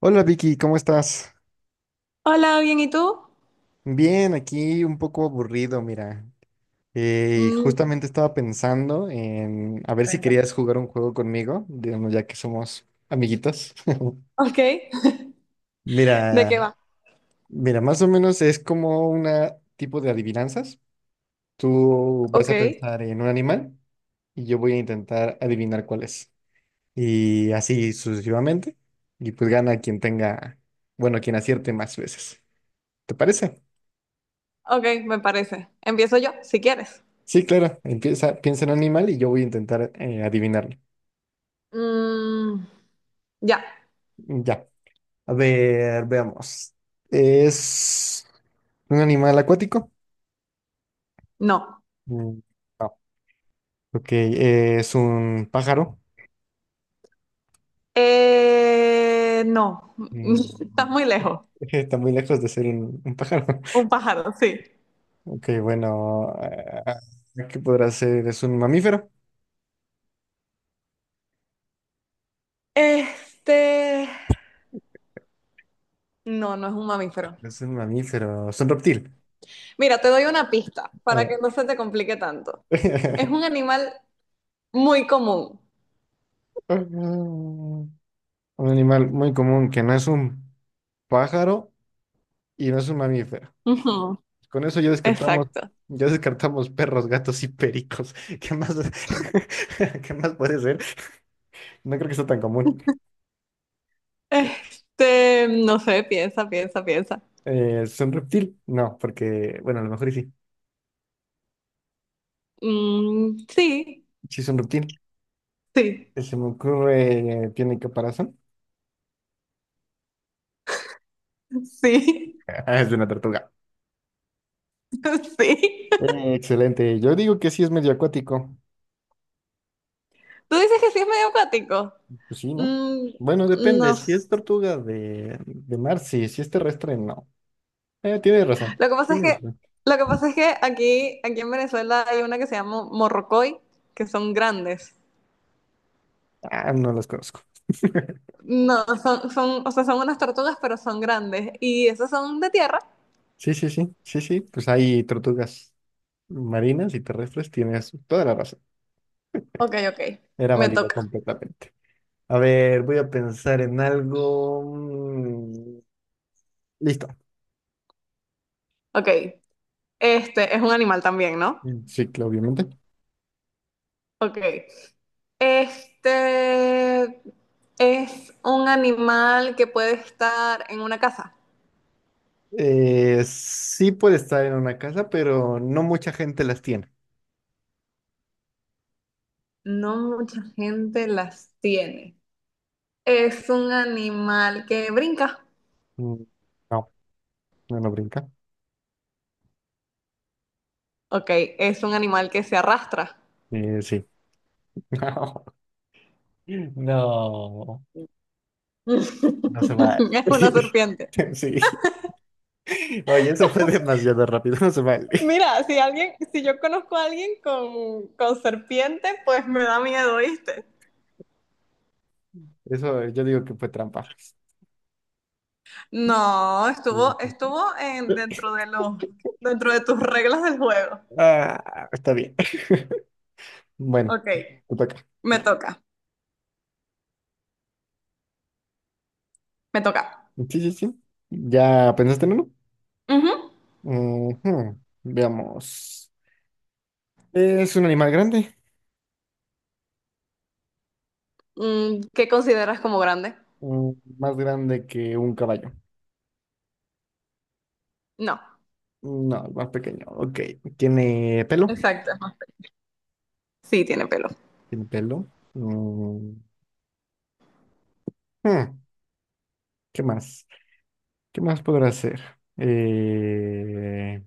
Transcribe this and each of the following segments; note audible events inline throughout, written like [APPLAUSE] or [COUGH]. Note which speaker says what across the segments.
Speaker 1: Hola Vicky, ¿cómo estás?
Speaker 2: Hola, bien, ¿y tú?
Speaker 1: Bien, aquí un poco aburrido, mira.
Speaker 2: Mm,
Speaker 1: Justamente estaba pensando en a ver si
Speaker 2: cuéntame.
Speaker 1: querías jugar un juego conmigo, digamos, ya que somos amiguitos. [LAUGHS]
Speaker 2: Ok, ¿de
Speaker 1: Mira,
Speaker 2: qué va?
Speaker 1: mira, más o menos es como un tipo de adivinanzas. Tú vas
Speaker 2: Ok,
Speaker 1: a pensar en un animal y yo voy a intentar adivinar cuál es. Y así sucesivamente. Y pues gana quien tenga, bueno, quien acierte más veces. ¿Te parece?
Speaker 2: ok, me parece. Empiezo yo, si quieres.
Speaker 1: Sí, claro, empieza, piensa en un animal y yo voy a intentar adivinarlo.
Speaker 2: Mm, ya,
Speaker 1: Ya, a ver, veamos. ¿Es un animal acuático?
Speaker 2: no.
Speaker 1: Mm. Ok, ¿es un pájaro?
Speaker 2: No,
Speaker 1: Mm.
Speaker 2: [LAUGHS] estás muy
Speaker 1: [LAUGHS]
Speaker 2: lejos.
Speaker 1: Está muy lejos de ser un pájaro.
Speaker 2: Un
Speaker 1: [LAUGHS]
Speaker 2: pájaro, sí.
Speaker 1: Ok, bueno, ¿qué podrá ser? ¿Es un mamífero?
Speaker 2: Este, no, no es un mamífero.
Speaker 1: ¿Es un mamífero, es un reptil?
Speaker 2: Mira, te doy una pista
Speaker 1: A
Speaker 2: para que
Speaker 1: ver.
Speaker 2: no se te complique tanto. Es un
Speaker 1: [LAUGHS]
Speaker 2: animal muy común.
Speaker 1: Un animal muy común que no es un pájaro y no es un mamífero.
Speaker 2: Ujú,
Speaker 1: Con eso
Speaker 2: exacto.
Speaker 1: ya descartamos perros, gatos y pericos. [LAUGHS] ¿Qué más, [LAUGHS] qué más puede ser? No creo que sea tan común.
Speaker 2: No sé, piensa, piensa.
Speaker 1: ¿Es un reptil? No, porque, bueno, a lo mejor y sí.
Speaker 2: Mm, sí.
Speaker 1: Sí es un reptil.
Speaker 2: Sí,
Speaker 1: Se me ocurre, ¿tiene caparazón?
Speaker 2: sí,
Speaker 1: [LAUGHS] Es de una tortuga.
Speaker 2: [LAUGHS] sí.
Speaker 1: Excelente. Yo digo que sí es medio acuático.
Speaker 2: Tú dices que sí es medio acuático.
Speaker 1: Pues sí, ¿no?
Speaker 2: Mm,
Speaker 1: Bueno, depende.
Speaker 2: no
Speaker 1: Si
Speaker 2: sé.
Speaker 1: es tortuga de mar, sí. Si es terrestre, no. Tiene razón.
Speaker 2: Lo que pasa es
Speaker 1: Tiene
Speaker 2: que,
Speaker 1: razón.
Speaker 2: lo que pasa es que aquí en Venezuela hay una que se llama morrocoy, que son grandes.
Speaker 1: Ah, no las conozco. [LAUGHS]
Speaker 2: No, son, o sea, son unas tortugas, pero son grandes. Y esas son de tierra.
Speaker 1: Sí, sí, sí, sí, sí, pues hay tortugas marinas y terrestres, tienes toda la razón.
Speaker 2: Ok.
Speaker 1: Era
Speaker 2: Me
Speaker 1: válida
Speaker 2: toca.
Speaker 1: completamente. A ver, voy a pensar en algo. Listo.
Speaker 2: Ok. Este es un animal también, ¿no?
Speaker 1: Sí, claro, obviamente.
Speaker 2: Ok. Este es un animal que puede estar en una casa.
Speaker 1: Sí puede estar en una casa, pero no mucha gente las tiene.
Speaker 2: No mucha gente las tiene. Es un animal que brinca.
Speaker 1: Mm, No, no, no brinca.
Speaker 2: Ok, es un animal que se arrastra.
Speaker 1: Sí. [LAUGHS] No, no,
Speaker 2: [LAUGHS]
Speaker 1: no se vale.
Speaker 2: Es una
Speaker 1: [LAUGHS]
Speaker 2: serpiente.
Speaker 1: Sí. Oye, eso fue demasiado rápido, [LAUGHS] no se vale.
Speaker 2: Mira, si yo conozco a alguien con serpiente, pues me da miedo, ¿viste?
Speaker 1: Eso yo digo que fue trampa.
Speaker 2: No, estuvo, dentro de los, dentro de tus reglas del juego.
Speaker 1: Ah, está bien. Bueno,
Speaker 2: Ok,
Speaker 1: te toca.
Speaker 2: me toca, me toca.
Speaker 1: Sí, sí, sí. ¿Ya pensaste en uno?
Speaker 2: Ujú.
Speaker 1: Ujú. Veamos. ¿Es un animal grande?
Speaker 2: Mm, ¿qué consideras como grande?
Speaker 1: Mm, más grande que un caballo.
Speaker 2: No,
Speaker 1: No, es más pequeño. Ok. ¿Tiene pelo?
Speaker 2: exacto. Sí, tiene pelo.
Speaker 1: ¿Tiene pelo? Mm, hmm, ¿qué más? ¿Qué más podrá hacer? Eh,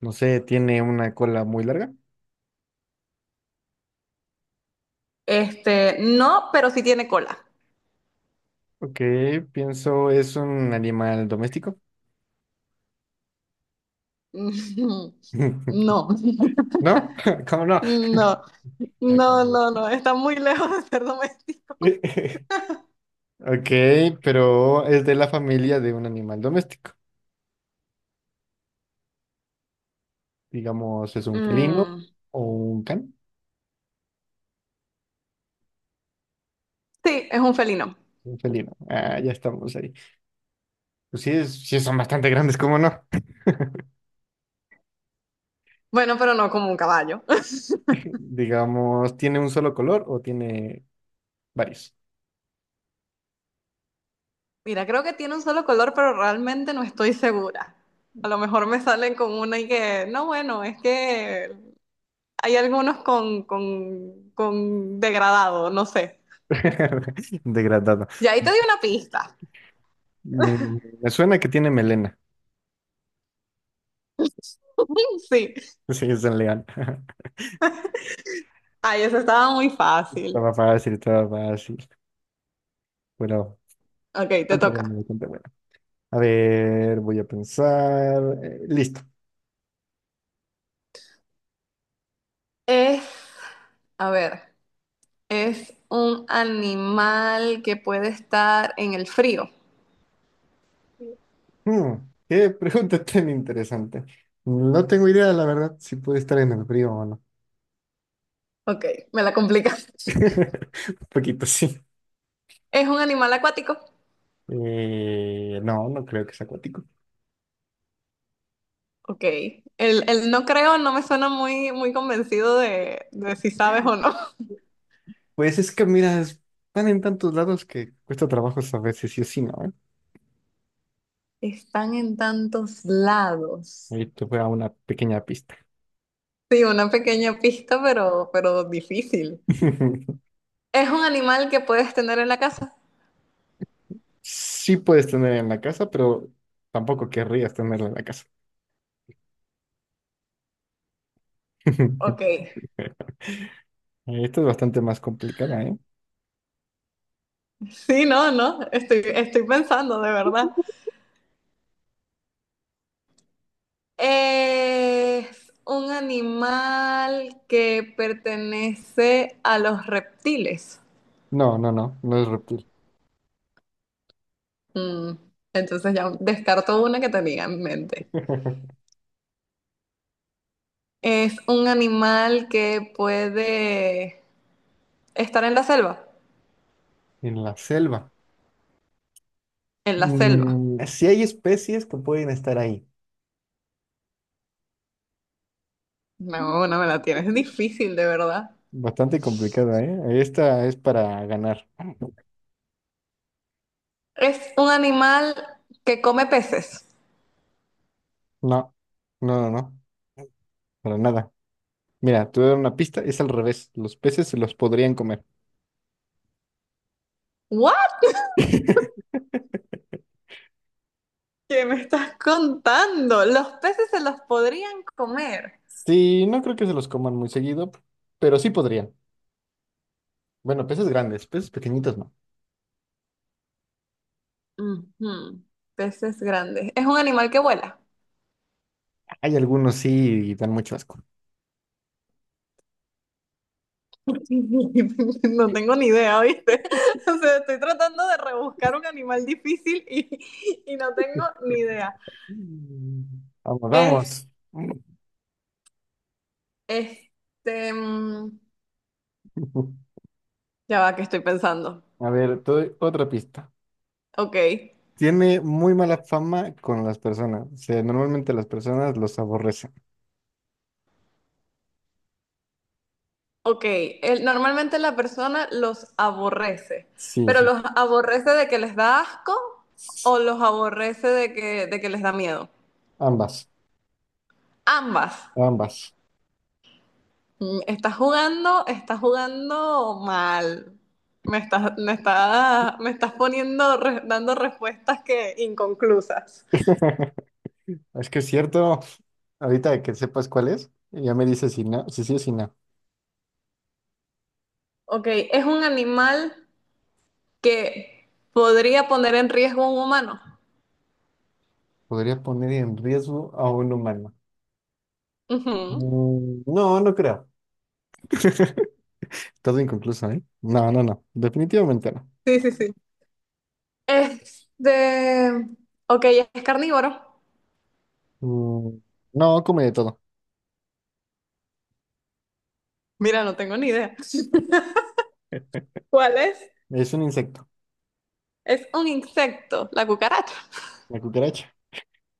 Speaker 1: no sé, ¿tiene una cola muy larga?
Speaker 2: No, pero sí tiene cola.
Speaker 1: Ok, pienso, ¿es un animal doméstico?
Speaker 2: [LAUGHS]
Speaker 1: [LAUGHS]
Speaker 2: No,
Speaker 1: ¿No? [LAUGHS] ¿Cómo
Speaker 2: no, no,
Speaker 1: no?
Speaker 2: no, no, está muy lejos de ser doméstico.
Speaker 1: [LAUGHS] Ok, pero es de la familia de un animal doméstico. Digamos, ¿es un felino
Speaker 2: Mm,
Speaker 1: o un can?
Speaker 2: sí, es un felino.
Speaker 1: Un felino. Ah, ya estamos ahí. Pues sí, es- sí son bastante grandes, ¿cómo no?
Speaker 2: Bueno, pero no como un caballo. [LAUGHS]
Speaker 1: [LAUGHS] Digamos, ¿tiene un solo color o tiene varios?
Speaker 2: Mira, creo que tiene un solo color, pero realmente no estoy segura. A lo mejor me salen con una y que, no, bueno, es que hay algunos con degradado, no sé.
Speaker 1: [LAUGHS] Degradado.
Speaker 2: Y ahí te di una pista.
Speaker 1: Mm, me suena que tiene melena. [LAUGHS]
Speaker 2: [LAUGHS] Sí.
Speaker 1: Sí, es un león. [LAUGHS]
Speaker 2: Ay, eso estaba muy fácil.
Speaker 1: Estaba fácil, estaba fácil. Bueno,
Speaker 2: Ok, te
Speaker 1: bastante bueno,
Speaker 2: toca.
Speaker 1: bastante bueno. A ver, voy a pensar. Listo.
Speaker 2: Es, a ver, es un animal que puede estar en el frío.
Speaker 1: Mm, qué pregunta [LAUGHS] tan interesante. No tengo idea, la verdad, si puede estar en el frío o no.
Speaker 2: Ok, me la complicas. [LAUGHS]
Speaker 1: [LAUGHS] Un poquito sí.
Speaker 2: Es un animal acuático.
Speaker 1: No, no creo que sea acuático.
Speaker 2: Ok, el no creo no me suena muy, muy convencido de si sabes o no.
Speaker 1: Pues es que, mira, están en tantos lados que cuesta trabajo saber si sí o si no, ¿eh?
Speaker 2: [LAUGHS] Están en tantos lados.
Speaker 1: Ahí te voy a una pequeña pista.
Speaker 2: Sí, una pequeña pista, pero difícil.
Speaker 1: [LAUGHS]
Speaker 2: Es un animal que puedes tener en la casa.
Speaker 1: Sí puedes tener en la casa, pero tampoco querrías tenerla en la casa. [LAUGHS]
Speaker 2: Ok,
Speaker 1: Esta es bastante más complicada, ¿eh?
Speaker 2: [LAUGHS] sí, no, no, estoy pensando de verdad. Es un animal que pertenece a los reptiles.
Speaker 1: No, no, no, no es reptil.
Speaker 2: Mm, entonces ya descarto una que tenía en mente.
Speaker 1: [LAUGHS]
Speaker 2: Es un animal que puede estar en la selva.
Speaker 1: En la selva.
Speaker 2: En la selva.
Speaker 1: Mm, sí hay especies que pueden estar ahí.
Speaker 2: No, no me la tienes. Es difícil, de verdad.
Speaker 1: Bastante complicada, ¿eh? Esta es para ganar.
Speaker 2: Es un animal que come peces.
Speaker 1: No, no, no, no, para nada. Mira, te voy a dar una pista, es al revés. Los peces se los podrían comer.
Speaker 2: ¿What? ¿Qué me estás contando? Los peces se los podrían comer.
Speaker 1: Sí, no creo que se los coman muy seguido, pero sí podrían. Bueno, peces grandes, peces pequeñitos no.
Speaker 2: Ujú. Peces grandes. ¿Es un animal que vuela?
Speaker 1: Hay algunos sí y dan mucho asco.
Speaker 2: [LAUGHS] No tengo ni idea, ¿viste? [LAUGHS] O sea, estoy tratando de rebuscar un animal difícil [LAUGHS] y no tengo ni idea.
Speaker 1: Mm. Vamos,
Speaker 2: Es,
Speaker 1: vamos.
Speaker 2: este, mm,
Speaker 1: [LAUGHS]
Speaker 2: ya va, que estoy pensando.
Speaker 1: A ver, te doy otra pista.
Speaker 2: Ok,
Speaker 1: Tiene muy mala fama con las personas. O sea, normalmente las personas los aborrecen.
Speaker 2: ok. Normalmente la persona los aborrece,
Speaker 1: Sí,
Speaker 2: pero
Speaker 1: sí.
Speaker 2: los aborrece de que les da asco o los aborrece de que les da miedo.
Speaker 1: Ambas,
Speaker 2: Ambas.
Speaker 1: ambas.
Speaker 2: Mm, estás jugando, estás jugando mal. Me estás poniendo, dando respuestas que inconclusas.
Speaker 1: [LAUGHS] Es que es cierto. Ahorita que sepas cuál es, ya me dices si no, si sí o si no.
Speaker 2: Ok, es un animal que podría poner en riesgo a un humano.
Speaker 1: Podría poner en riesgo a un humano.
Speaker 2: Ujú.
Speaker 1: Mm, no, no creo. [LAUGHS] Todo inconcluso, ¿eh? No, no, no. Definitivamente no.
Speaker 2: Sí, sí, sí. Este, ok, es carnívoro.
Speaker 1: Mm, no, come de todo.
Speaker 2: Mira, no tengo ni idea. ¿Cuál es?
Speaker 1: Es un insecto.
Speaker 2: Es un insecto, la cucaracha.
Speaker 1: La cucaracha.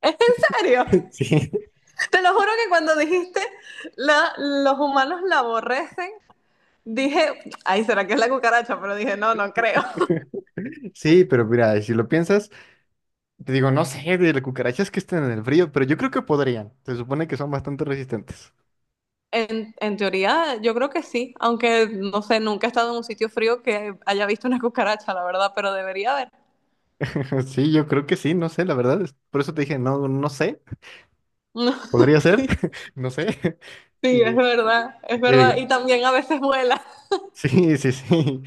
Speaker 2: ¿Es en serio?
Speaker 1: [LAUGHS] Sí.
Speaker 2: Te lo juro que cuando dijiste la, los humanos la aborrecen, dije, ay, ¿será que es la cucaracha? Pero dije, no, no creo. [LAUGHS]
Speaker 1: [LAUGHS] Sí, pero mira, si lo piensas. Te digo, no sé de las cucarachas que estén en el frío, pero yo creo que podrían. Se supone que son bastante resistentes.
Speaker 2: En teoría, yo creo que sí, aunque no sé, nunca he estado en un sitio frío que haya visto una cucaracha, la verdad, pero debería haber.
Speaker 1: [LAUGHS] Sí, yo creo que sí, no sé, la verdad. Es- Por eso te dije, no, no sé. Podría
Speaker 2: [LAUGHS]
Speaker 1: ser,
Speaker 2: Sí,
Speaker 1: [LAUGHS] no sé. [LAUGHS]
Speaker 2: sí, es
Speaker 1: Y
Speaker 2: verdad, es
Speaker 1: te digo,
Speaker 2: verdad. Y
Speaker 1: ya-
Speaker 2: también a veces vuela.
Speaker 1: [LAUGHS] sí, sí, sí.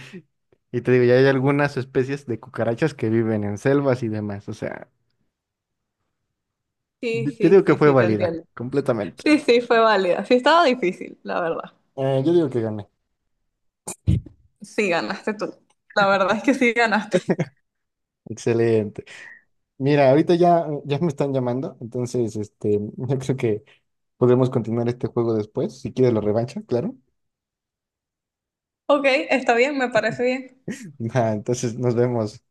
Speaker 1: Y te digo, ya hay algunas especies de cucarachas que viven en selvas y demás. O sea,
Speaker 2: Sí,
Speaker 1: yo
Speaker 2: sí,
Speaker 1: digo que
Speaker 2: sí,
Speaker 1: fue
Speaker 2: sí, te
Speaker 1: válida,
Speaker 2: entiendo.
Speaker 1: completamente.
Speaker 2: Sí, sí, fue válida. Sí, estaba difícil, la verdad.
Speaker 1: Yo digo que gané.
Speaker 2: Sí, ganaste tú. La verdad es que sí ganaste.
Speaker 1: Excelente. Mira, ahorita ya, ya me están llamando, entonces [LAUGHS] yo creo que podremos continuar este juego después, si quieres la revancha, claro.
Speaker 2: [LAUGHS] Ok, está bien, me parece bien.
Speaker 1: [LAUGHS] Va, entonces nos vemos.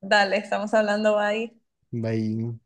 Speaker 2: Dale, estamos hablando ahí.
Speaker 1: Bye.